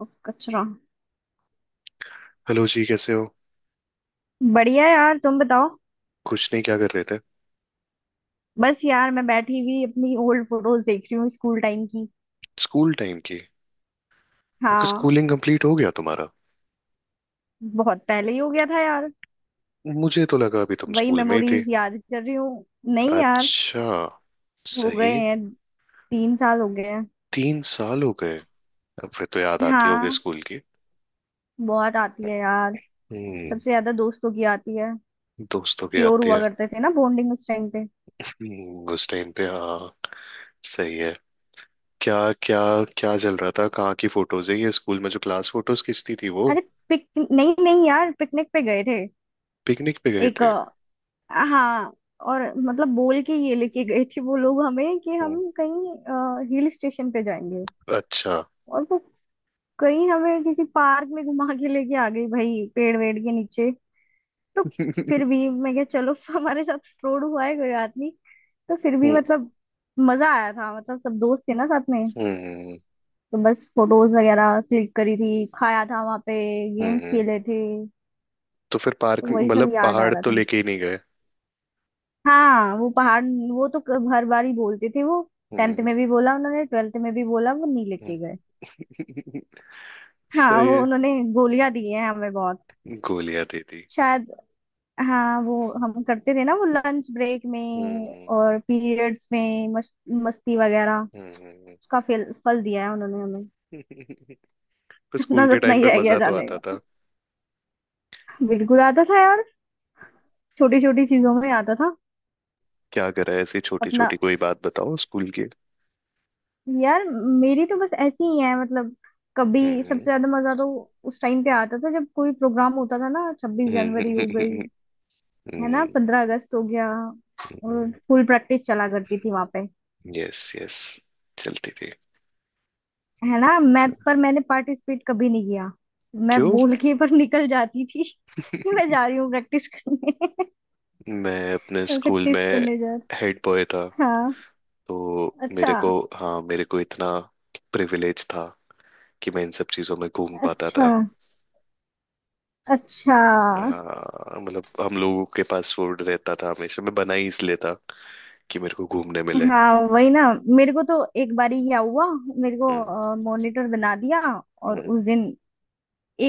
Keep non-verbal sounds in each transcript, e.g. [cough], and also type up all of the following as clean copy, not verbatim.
उफ, कचरा। हेलो जी, कैसे हो। बढ़िया यार, तुम बताओ। कुछ नहीं, क्या कर रहे थे। बस यार, मैं बैठी हुई अपनी ओल्ड फोटोज देख रही हूँ स्कूल टाइम की। स्कूल टाइम की। आपकी हाँ। स्कूलिंग कंप्लीट हो गया तुम्हारा। बहुत पहले ही हो गया था यार। मुझे तो लगा अभी तुम वही स्कूल में ही थे। मेमोरीज याद कर रही हूँ। नहीं यार। अच्छा। हो सही। गए हैं। 3 साल हो गए हैं। 3 साल हो गए। अब फिर तो याद आती होगी हाँ, स्कूल की। बहुत आती है यार। हम्म। सबसे ज्यादा दोस्तों की आती है। दोस्तों की प्योर आती हुआ है। करते थे ना बॉन्डिंग उस टाइम पे। उस टाइम पे हाँ। सही है। क्या। क्या। क्या चल रहा था, कहाँ की फोटोज है ये। स्कूल में जो क्लास फोटोज खींचती थी वो। अरे, पिक नहीं नहीं यार, पिकनिक पे गए थे। पिकनिक पे गए एक। थे। हाँ। और मतलब बोल के ये लेके गए थे वो लोग हमें कि हम हम्म, कहीं हिल स्टेशन पे जाएंगे। अच्छा। और वो कहीं हमें किसी पार्क में घुमा के लेके आ गई भाई, पेड़ वेड़ के नीचे। तो फिर [laughs] हम्म। भी मैं क्या चलो [laughs] हमारे साथ फ्रॉड हुआ है, कोई बात नहीं। तो फिर भी मतलब मजा आया था, मतलब सब दोस्त थे ना साथ में। हम्म। तो बस फोटोज वगैरह क्लिक करी थी, खाया था वहां पे, गेम्स हम्म, खेले थे। तो फिर तो पार्क वही सब मतलब याद आ पहाड़ रहा तो था। लेके ही नहीं गए। हाँ वो पहाड़, वो तो हर बार ही बोलते थे वो। टेंथ हम्म। में भी बोला उन्होंने, ट्वेल्थ में भी बोला, वो नहीं लेके गए। हम्म। [laughs] हाँ सही वो है। उन्होंने गोलियां दी हैं हमें बहुत। गोलियां दे दी। शायद। हाँ वो हम करते थे ना वो लंच ब्रेक में हम्म। और पीरियड्स में मस्ती वगैरह। हम्म। उसका फल फल दिया है उन्होंने हमें। पर [laughs] [laughs] सपना स्कूल के सपना टाइम ही पे रह गया मजा तो जाने आता का। था। बिल्कुल आता था यार, छोटी छोटी चीजों में आता था। क्या करा है, ऐसी छोटी अपना छोटी कोई बात बताओ स्कूल की। यार, मेरी तो बस ऐसी ही है मतलब। कभी सबसे हम्म, ज्यादा मजा तो उस टाइम पे आता था जब कोई प्रोग्राम होता था ना। 26 जनवरी हो गई, हम्म, है ना, 15 अगस्त हो गया। और हम्म। [laughs] फुल प्रैक्टिस चला करती थी वहां पे, यस यस, चलती थी। है ना। मैं पर मैंने पार्टिसिपेट कभी नहीं किया। मैं क्यों। बोल के पर निकल जाती थी [laughs] कि मैं जा रही हूँ प्रैक्टिस करने। मैं [laughs] अपने स्कूल प्रैक्टिस में करने जा रही हेड बॉय था, हूँ। हाँ। तो अच्छा। मेरे को, हाँ, मेरे को इतना प्रिविलेज था कि मैं इन सब चीजों में घूम पाता अच्छा। था। अच्छा। हाँ, मतलब हम लोगों के पास फूड रहता था हमेशा, मैं बना ही इसलिए था कि मेरे को घूमने मिले। हाँ वही ना। मेरे को तो एक बारी क्या हुआ, मेरे हम्म। को मॉनिटर बना दिया और हम्म। उस दिन,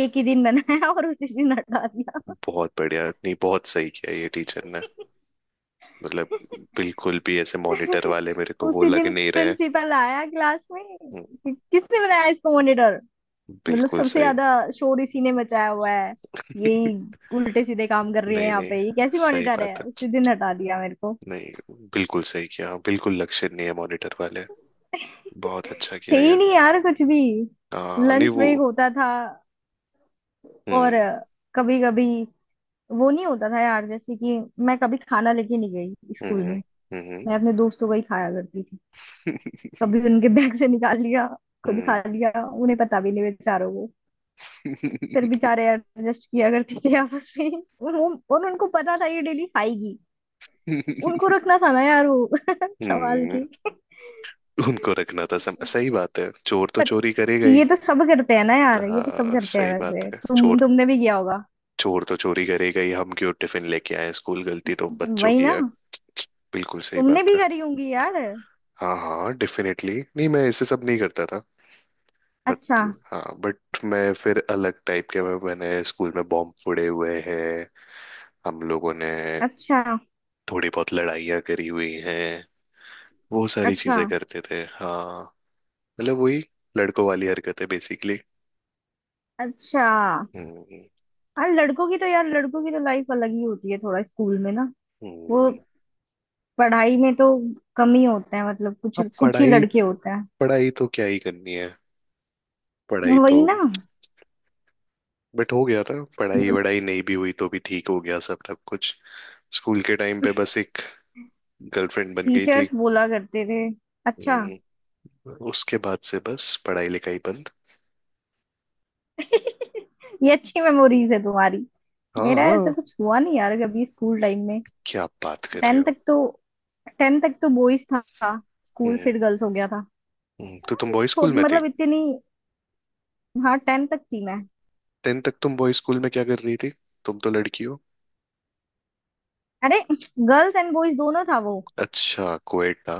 एक ही दिन बनाया और उसी दिन हटा दिया। बहुत बढ़िया, नहीं बहुत सही किया ये टीचर ने। मतलब बिल्कुल भी ऐसे मॉनिटर [laughs] वाले मेरे को वो उसी लग दिन नहीं रहे। प्रिंसिपल आया क्लास में हम्म, कि किसने बनाया इसको मॉनिटर। मतलब बिल्कुल सबसे सही। ज्यादा शोर इसी ने मचाया हुआ है, यही [laughs] उल्टे सीधे काम कर रही है नहीं यहाँ नहीं, पे, ये कैसी सही मॉनिटर बात है। है, उसी दिन हटा दिया मेरे को। नहीं बिल्कुल सही किया। हाँ, बिल्कुल लक्षण नहीं है मॉनिटर वाले। बहुत अच्छा थे किया ही यार। नहीं यार कुछ भी। हाँ नहीं लंच वो, ब्रेक होता था और हम्म, कभी कभी वो नहीं होता था यार, जैसे कि मैं कभी खाना लेके नहीं गई स्कूल हम्म, में। हम्म, मैं अपने दोस्तों का ही खाया करती थी। कभी उनके बैग से निकाल लिया, [laughs] खुद खा हम्म, लिया, उन्हें पता भी नहीं बेचारों को। फिर बेचारे एडजस्ट किया करते थे आपस में। और वो, और उनको पता था ये डेली खाएगी, उनको [laughs] रखना था ना यार वो [laughs] संभाल हम्म, के। उनको रखना था सही बात है, चोर तो पर चोरी करेगा ये ही। तो सब करते हैं ना यार, ये तो सब हाँ करते हैं सही वैसे, बात है, तुम चोर, तुमने भी किया होगा। चोर तो चोरी करेगा ही, हम क्यों टिफिन लेके आए स्कूल, गलती तो बच्चों वही की ना। है। बिल्कुल सही तुमने बात भी है। करी होंगी यार। हाँ हाँ डेफिनेटली, नहीं मैं ऐसे सब नहीं करता था। अच्छा। बट, हाँ बट, मैं फिर अलग टाइप के मैंने स्कूल में बॉम्ब फोड़े हुए हैं, हम लोगों ने। अच्छा। थोड़ी बहुत लड़ाइयाँ करी हुई हैं, वो सारी अच्छा। चीजें करते थे हाँ। मतलब वही लड़कों वाली हरकतें बेसिकली। अच्छा। हम्म। हाँ लड़कों की तो यार, लड़कों की तो लाइफ अलग ही होती है थोड़ा स्कूल में ना। वो हम्म। पढ़ाई में तो कम ही होते हैं, मतलब कुछ अब कुछ ही पढ़ाई, लड़के होते हैं। पढ़ाई तो क्या ही करनी है। पढ़ाई तो, वही ना। बट हो गया ना, पढ़ाई वढ़ाई नहीं भी हुई तो भी ठीक, हो गया सब सब कुछ। स्कूल के टाइम पे बस एक गर्लफ्रेंड बन गई थी। टीचर्स बोला करते थे। अच्छा। हम्म, उसके बाद से बस पढ़ाई लिखाई बंद। [laughs] ये अच्छी मेमोरीज है तुम्हारी। हाँ मेरा ऐसा हाँ, कुछ हुआ नहीं यार कभी स्कूल टाइम में। क्या आप बात कर रहे टेन हो। तक तो टेन तक तो बॉयज था स्कूल, हम्म। फिर गर्ल्स हो गया था। तो तुम अरे बॉय स्कूल छोट में थी। मतलब इतनी, हाँ 10 तक थी मैं। 10th तक तुम बॉय स्कूल में क्या कर रही थी, तुम तो लड़की हो। अरे गर्ल्स एंड बॉयज दोनों था वो। अच्छा कोएटा,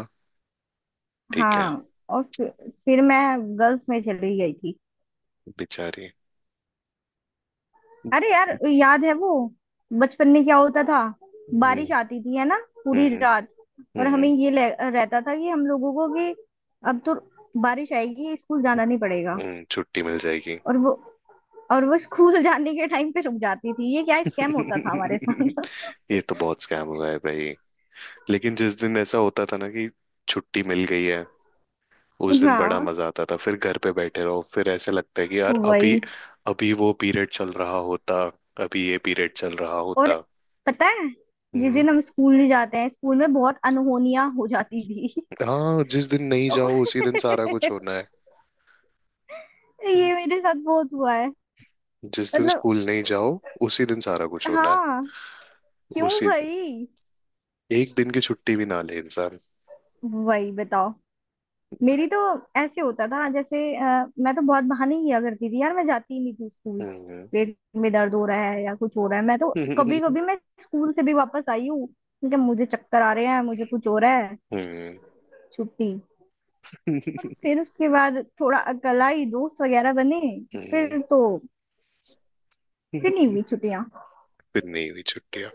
ठीक है। हाँ। और फिर मैं गर्ल्स में चली गई थी। बेचारी। हम्म। अरे यार याद है वो, बचपन में क्या होता था। बारिश आती थी है ना, पूरी हम्म। रात। और हमें हम्म। ये रहता था कि हम लोगों को कि अब तो बारिश आएगी, स्कूल हम्म, जाना नहीं पड़ेगा। छुट्टी मिल जाएगी। और वो और वो स्कूल [laughs] जाने के टाइम पे रुक जाती थी, ये क्या स्कैम होता था हमारे साथ। [laughs] ये तो बहुत स्कैम हुआ है भाई। लेकिन जिस दिन ऐसा होता था ना कि छुट्टी मिल गई है, उस [laughs] दिन बड़ा हाँ मजा आता था, फिर घर पे बैठे रहो, फिर ऐसे लगता है कि यार अभी, वही। अभी वो पीरियड चल रहा होता, अभी ये पीरियड चल रहा और होता। पता है जिस हम्म। दिन हम स्कूल नहीं जाते हैं स्कूल में बहुत अनहोनियां हो जाती थी। हाँ, जिस दिन [laughs] नहीं तो जाओ उसी दिन सारा कुछ होना है। ये मेरे साथ बहुत हुआ जिस दिन मतलब। स्कूल नहीं जाओ उसी दिन सारा कुछ होना है। हाँ। क्यों उसी दिन। भाई। एक दिन की छुट्टी भी ना ले इंसान। वही बताओ। मेरी तो ऐसे होता था जैसे मैं तो बहुत बहाने किया करती थी यार, मैं जाती ही नहीं थी स्कूल। हम्म। पेट में दर्द हो रहा है या कुछ हो रहा है, मैं तो [laughs] कभी हम्म। कभी मैं स्कूल से भी वापस आई हूँ क्योंकि मुझे चक्कर आ रहे हैं, मुझे कुछ हो रहा है, छुट्टी। और हम्म। फिर उसके बाद थोड़ा अकलाई दोस्त वगैरह बने। हम्म। फिर तो, फिर नहीं हुई छुट्टियां। फिर नहीं हुई छुट्टियां।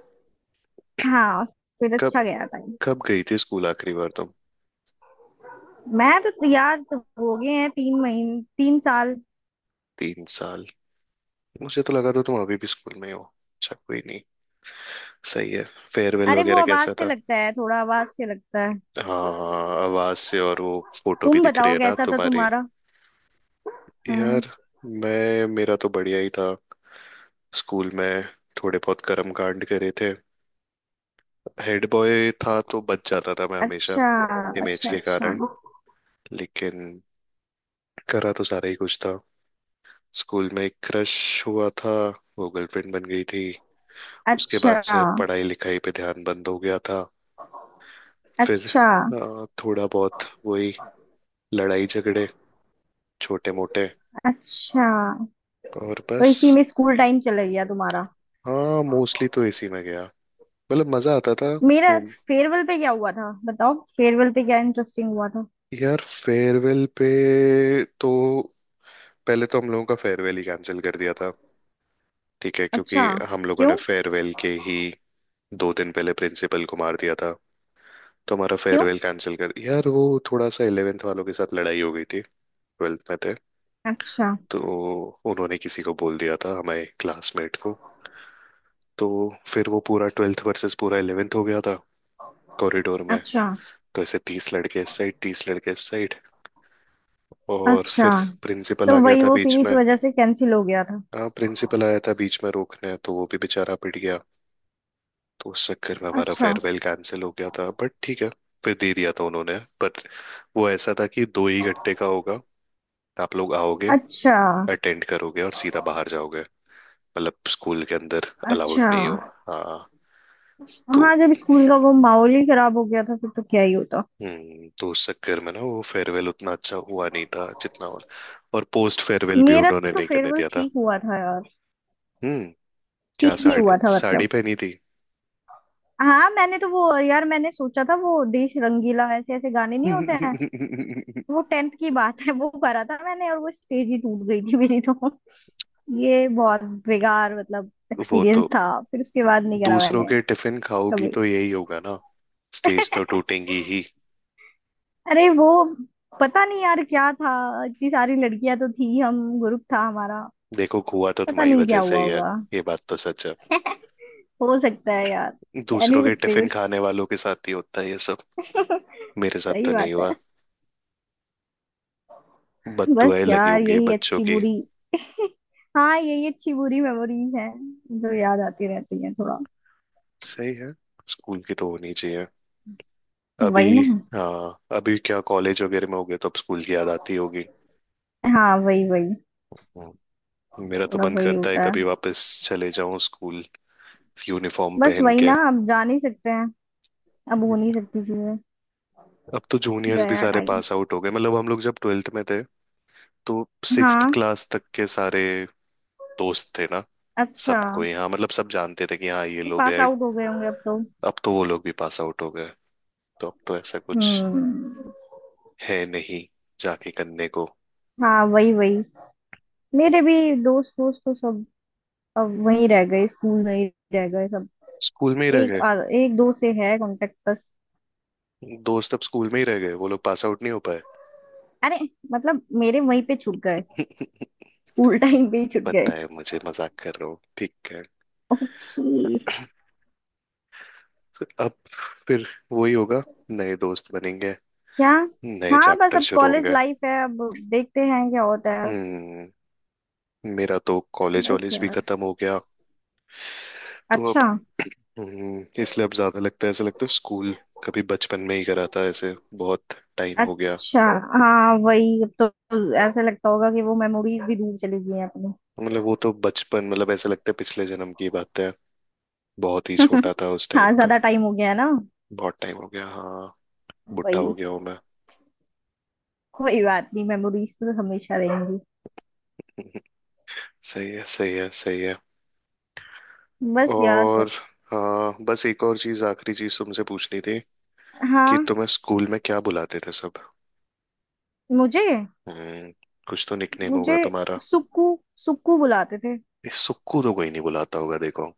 हाँ। फिर कब, अच्छा गया था। कब गई थी स्कूल आखिरी बार तुम। मैं तो यार तो हो गए हैं 3 महीने, 3 साल। 3 साल। मुझे तो लगा था तुम अभी भी स्कूल में ही हो। अच्छा, कोई नहीं। सही है। फेयरवेल अरे वो वगैरह आवाज कैसा से था। लगता है थोड़ा, आवाज से लगता है। हाँ, आवाज से, और वो फोटो भी तुम दिख रही बताओ है ना कैसा था तुम्हारी। तुम्हारा। हम्म। यार, मैं, मेरा तो बढ़िया ही था स्कूल में। थोड़े बहुत कर्म कांड करे थे, हेड बॉय था तो बच जाता था मैं हमेशा, अच्छा। इमेज अच्छा। के अच्छा। कारण। लेकिन करा तो सारा ही कुछ था। स्कूल में एक क्रश हुआ था, वो गर्लफ्रेंड बन गई थी। उसके बाद अच्छा। से पढ़ाई लिखाई पे ध्यान बंद हो गया था। फिर अच्छा। थोड़ा बहुत वही लड़ाई झगड़े, छोटे मोटे, अच्छा। और तो बस। इसी में स्कूल टाइम चला गया तुम्हारा। हाँ मोस्टली तो इसी में गया। मतलब मजा आता था मेरा घूम। फेयरवेल पे क्या हुआ था बताओ, फेयरवेल पे क्या इंटरेस्टिंग हुआ था। यार फेयरवेल पे तो, पहले तो हम लोगों का फेयरवेल ही कैंसिल कर दिया था। ठीक है, क्योंकि अच्छा। हम लोगों ने क्यों। फेयरवेल के ही 2 दिन पहले प्रिंसिपल को मार दिया था, तो हमारा क्यों। फेयरवेल कैंसिल कर। यार वो, थोड़ा सा 11th वालों के साथ लड़ाई हो गई थी, 12th में थे अच्छा। तो। उन्होंने किसी को बोल दिया था हमारे क्लासमेट को, तो फिर वो पूरा 12th वर्सेस पूरा 11th हो गया था कॉरिडोर में। अच्छा। तो ऐसे 30 लड़के इस साइड, 30 लड़के इस साइड, और अच्छा। फिर प्रिंसिपल तो आ गया वही था वो बीच फिर इस में। वजह से कैंसिल हो गया था। हाँ प्रिंसिपल आया था बीच में रोकने, तो वो भी बेचारा पिट गया। तो उस चक्कर में हमारा अच्छा। फेयरवेल कैंसिल हो गया था, बट ठीक है, फिर दे दिया था उन्होंने। बट वो ऐसा था कि दो ही घंटे का होगा, आप लोग आओगे, अच्छा। अटेंड करोगे और सीधा बाहर जाओगे। मतलब स्कूल के अंदर अलाउड अच्छा। नहीं हो, हाँ। तो, हाँ जब स्कूल का वो माहौल ही खराब हो गया था फिर तो क्या ही होता। हम्म, तो उस चक्कर में ना वो फेयरवेल उतना अच्छा हुआ नहीं था जितना, और पोस्ट फेयरवेल भी मेरा उन्होंने तो नहीं करने फेयरवेल दिया था। ठीक हुआ था यार। हम्म, क्या ठीक ही साड़ी हुआ था साड़ी मतलब। पहनी थी। हाँ मैंने तो वो यार, मैंने सोचा था वो देश रंगीला ऐसे ऐसे गाने नहीं होते हैं। [laughs] वो टेंथ की बात है, वो करा था मैंने, और वो स्टेज ही टूट गई थी मेरी तो। ये बहुत बेकार मतलब वो एक्सपीरियंस तो, था। फिर उसके बाद नहीं करा दूसरों मैंने के टिफिन खाओगी कभी। तो यही होगा ना, स्टेज तो टूटेंगी ही। अरे वो पता नहीं यार क्या था, इतनी सारी लड़कियां तो थी, हम ग्रुप था हमारा। देखो हुआ तो पता तुम्हारी नहीं वजह क्या से हुआ ही है। होगा। ये बात तो सच है, हो सकता है यार। कह दूसरों नहीं के सकते टिफिन कुछ। खाने वालों के साथ ही होता है ये सब। [laughs] मेरे साथ सही तो नहीं बात है। हुआ। बस बददुआएं लगी यार होंगी यही बच्चों अच्छी की। बुरी, हाँ यही अच्छी बुरी मेमोरीज है जो याद आती रहती है थोड़ा। सही है, स्कूल की तो होनी चाहिए। अभी, वही ना। हाँ अभी क्या, कॉलेज वगैरह में हो गए तो अब स्कूल की याद आती होगी। हाँ वही वही। हम्म, मेरा तो थोड़ा मन वही करता है होता कभी है। वापस चले जाऊं स्कूल, यूनिफॉर्म बस पहन वही के। ना, अब जा नहीं सकते हैं, अब हो नहीं सकती चीजें। अब तो जूनियर्स भी गया सारे टाइम। पास आउट हो गए। मतलब हम लोग जब 12th में थे, तो सिक्स्थ हाँ। क्लास तक के सारे दोस्त थे ना, अच्छा। सबको यहाँ, मतलब सब जानते थे कि हाँ ये लोग पास हैं। आउट हो गए होंगे अब तो। अब तो वो लोग भी पास आउट हो गए, तो अब तो ऐसा कुछ हम्म। है नहीं जाके करने को। हाँ वही वही। मेरे भी दोस्त दोस्त तो सब अब वहीं रह गए स्कूल में ही, रह गए सब। स्कूल में ही रह एक गए। एक दो से है कांटेक्ट बस। दोस्त अब स्कूल में ही रह गए, वो लोग पास आउट नहीं हो पाए। अरे मतलब मेरे वहीं पे छूट गए, [laughs] स्कूल टाइम [laughs] पे ही छूट गए। पता है मुझे, मजाक कर रहा हूँ, ठीक है। ओके। अब फिर वही होगा, नए दोस्त बनेंगे, क्या। नए हाँ बस चैप्टर अब शुरू कॉलेज होंगे। लाइफ है, अब देखते हैं क्या होता है। हम्म, मेरा तो कॉलेज बस वॉलेज भी यार। खत्म हो गया, तो अब, अच्छा। [clears throat] इसलिए अब ज्यादा लगता है, ऐसा लगता है स्कूल कभी बचपन में ही करा था ऐसे, बहुत टाइम हो गया। अच्छा। हाँ वही अब तो ऐसा लगता होगा कि वो मेमोरीज भी दूर चली गई हैं अपनी। मतलब वो तो बचपन, मतलब ऐसा लगता है पिछले जन्म की बात है, बहुत ही छोटा था [laughs] उस हाँ टाइम पे। ज्यादा टाइम हो गया है ना। बहुत टाइम हो गया हाँ, बुढ़ा हो वही। गया हूँ कोई बात नहीं, मेमोरीज तो हमेशा रहेंगी। मैं। सही है सही है सही है। बस यार पर। और हाँ, बस एक और चीज आखिरी चीज तुमसे पूछनी थी, कि हाँ। तुम्हें स्कूल में क्या बुलाते थे सब। मुझे हम्म, कुछ तो निकनेम मुझे होगा तुम्हारा। सुक्कू, सुक्कू बुलाते थे। इस सुक्कू तो कोई नहीं बुलाता होगा, देखो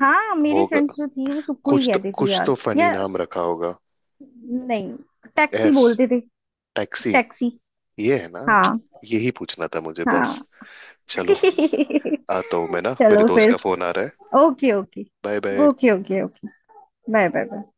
हाँ मेरी होगा, फ्रेंड्स जो थी वो सुक्कू ही कुछ तो, कहती थी कुछ यार तो फनी या। नाम रखा होगा। नहीं, टैक्सी एस, बोलते थे। Taxi, taxi. ये है ना, हाँ। यही पूछना था मुझे बस। हाँ। चलो, [laughs] आता हूँ मैं ना, मेरे चलो दोस्त फिर। का फोन आ रहा है। Okay okay. Bye bye. Okay okay okay. Bye bye bye.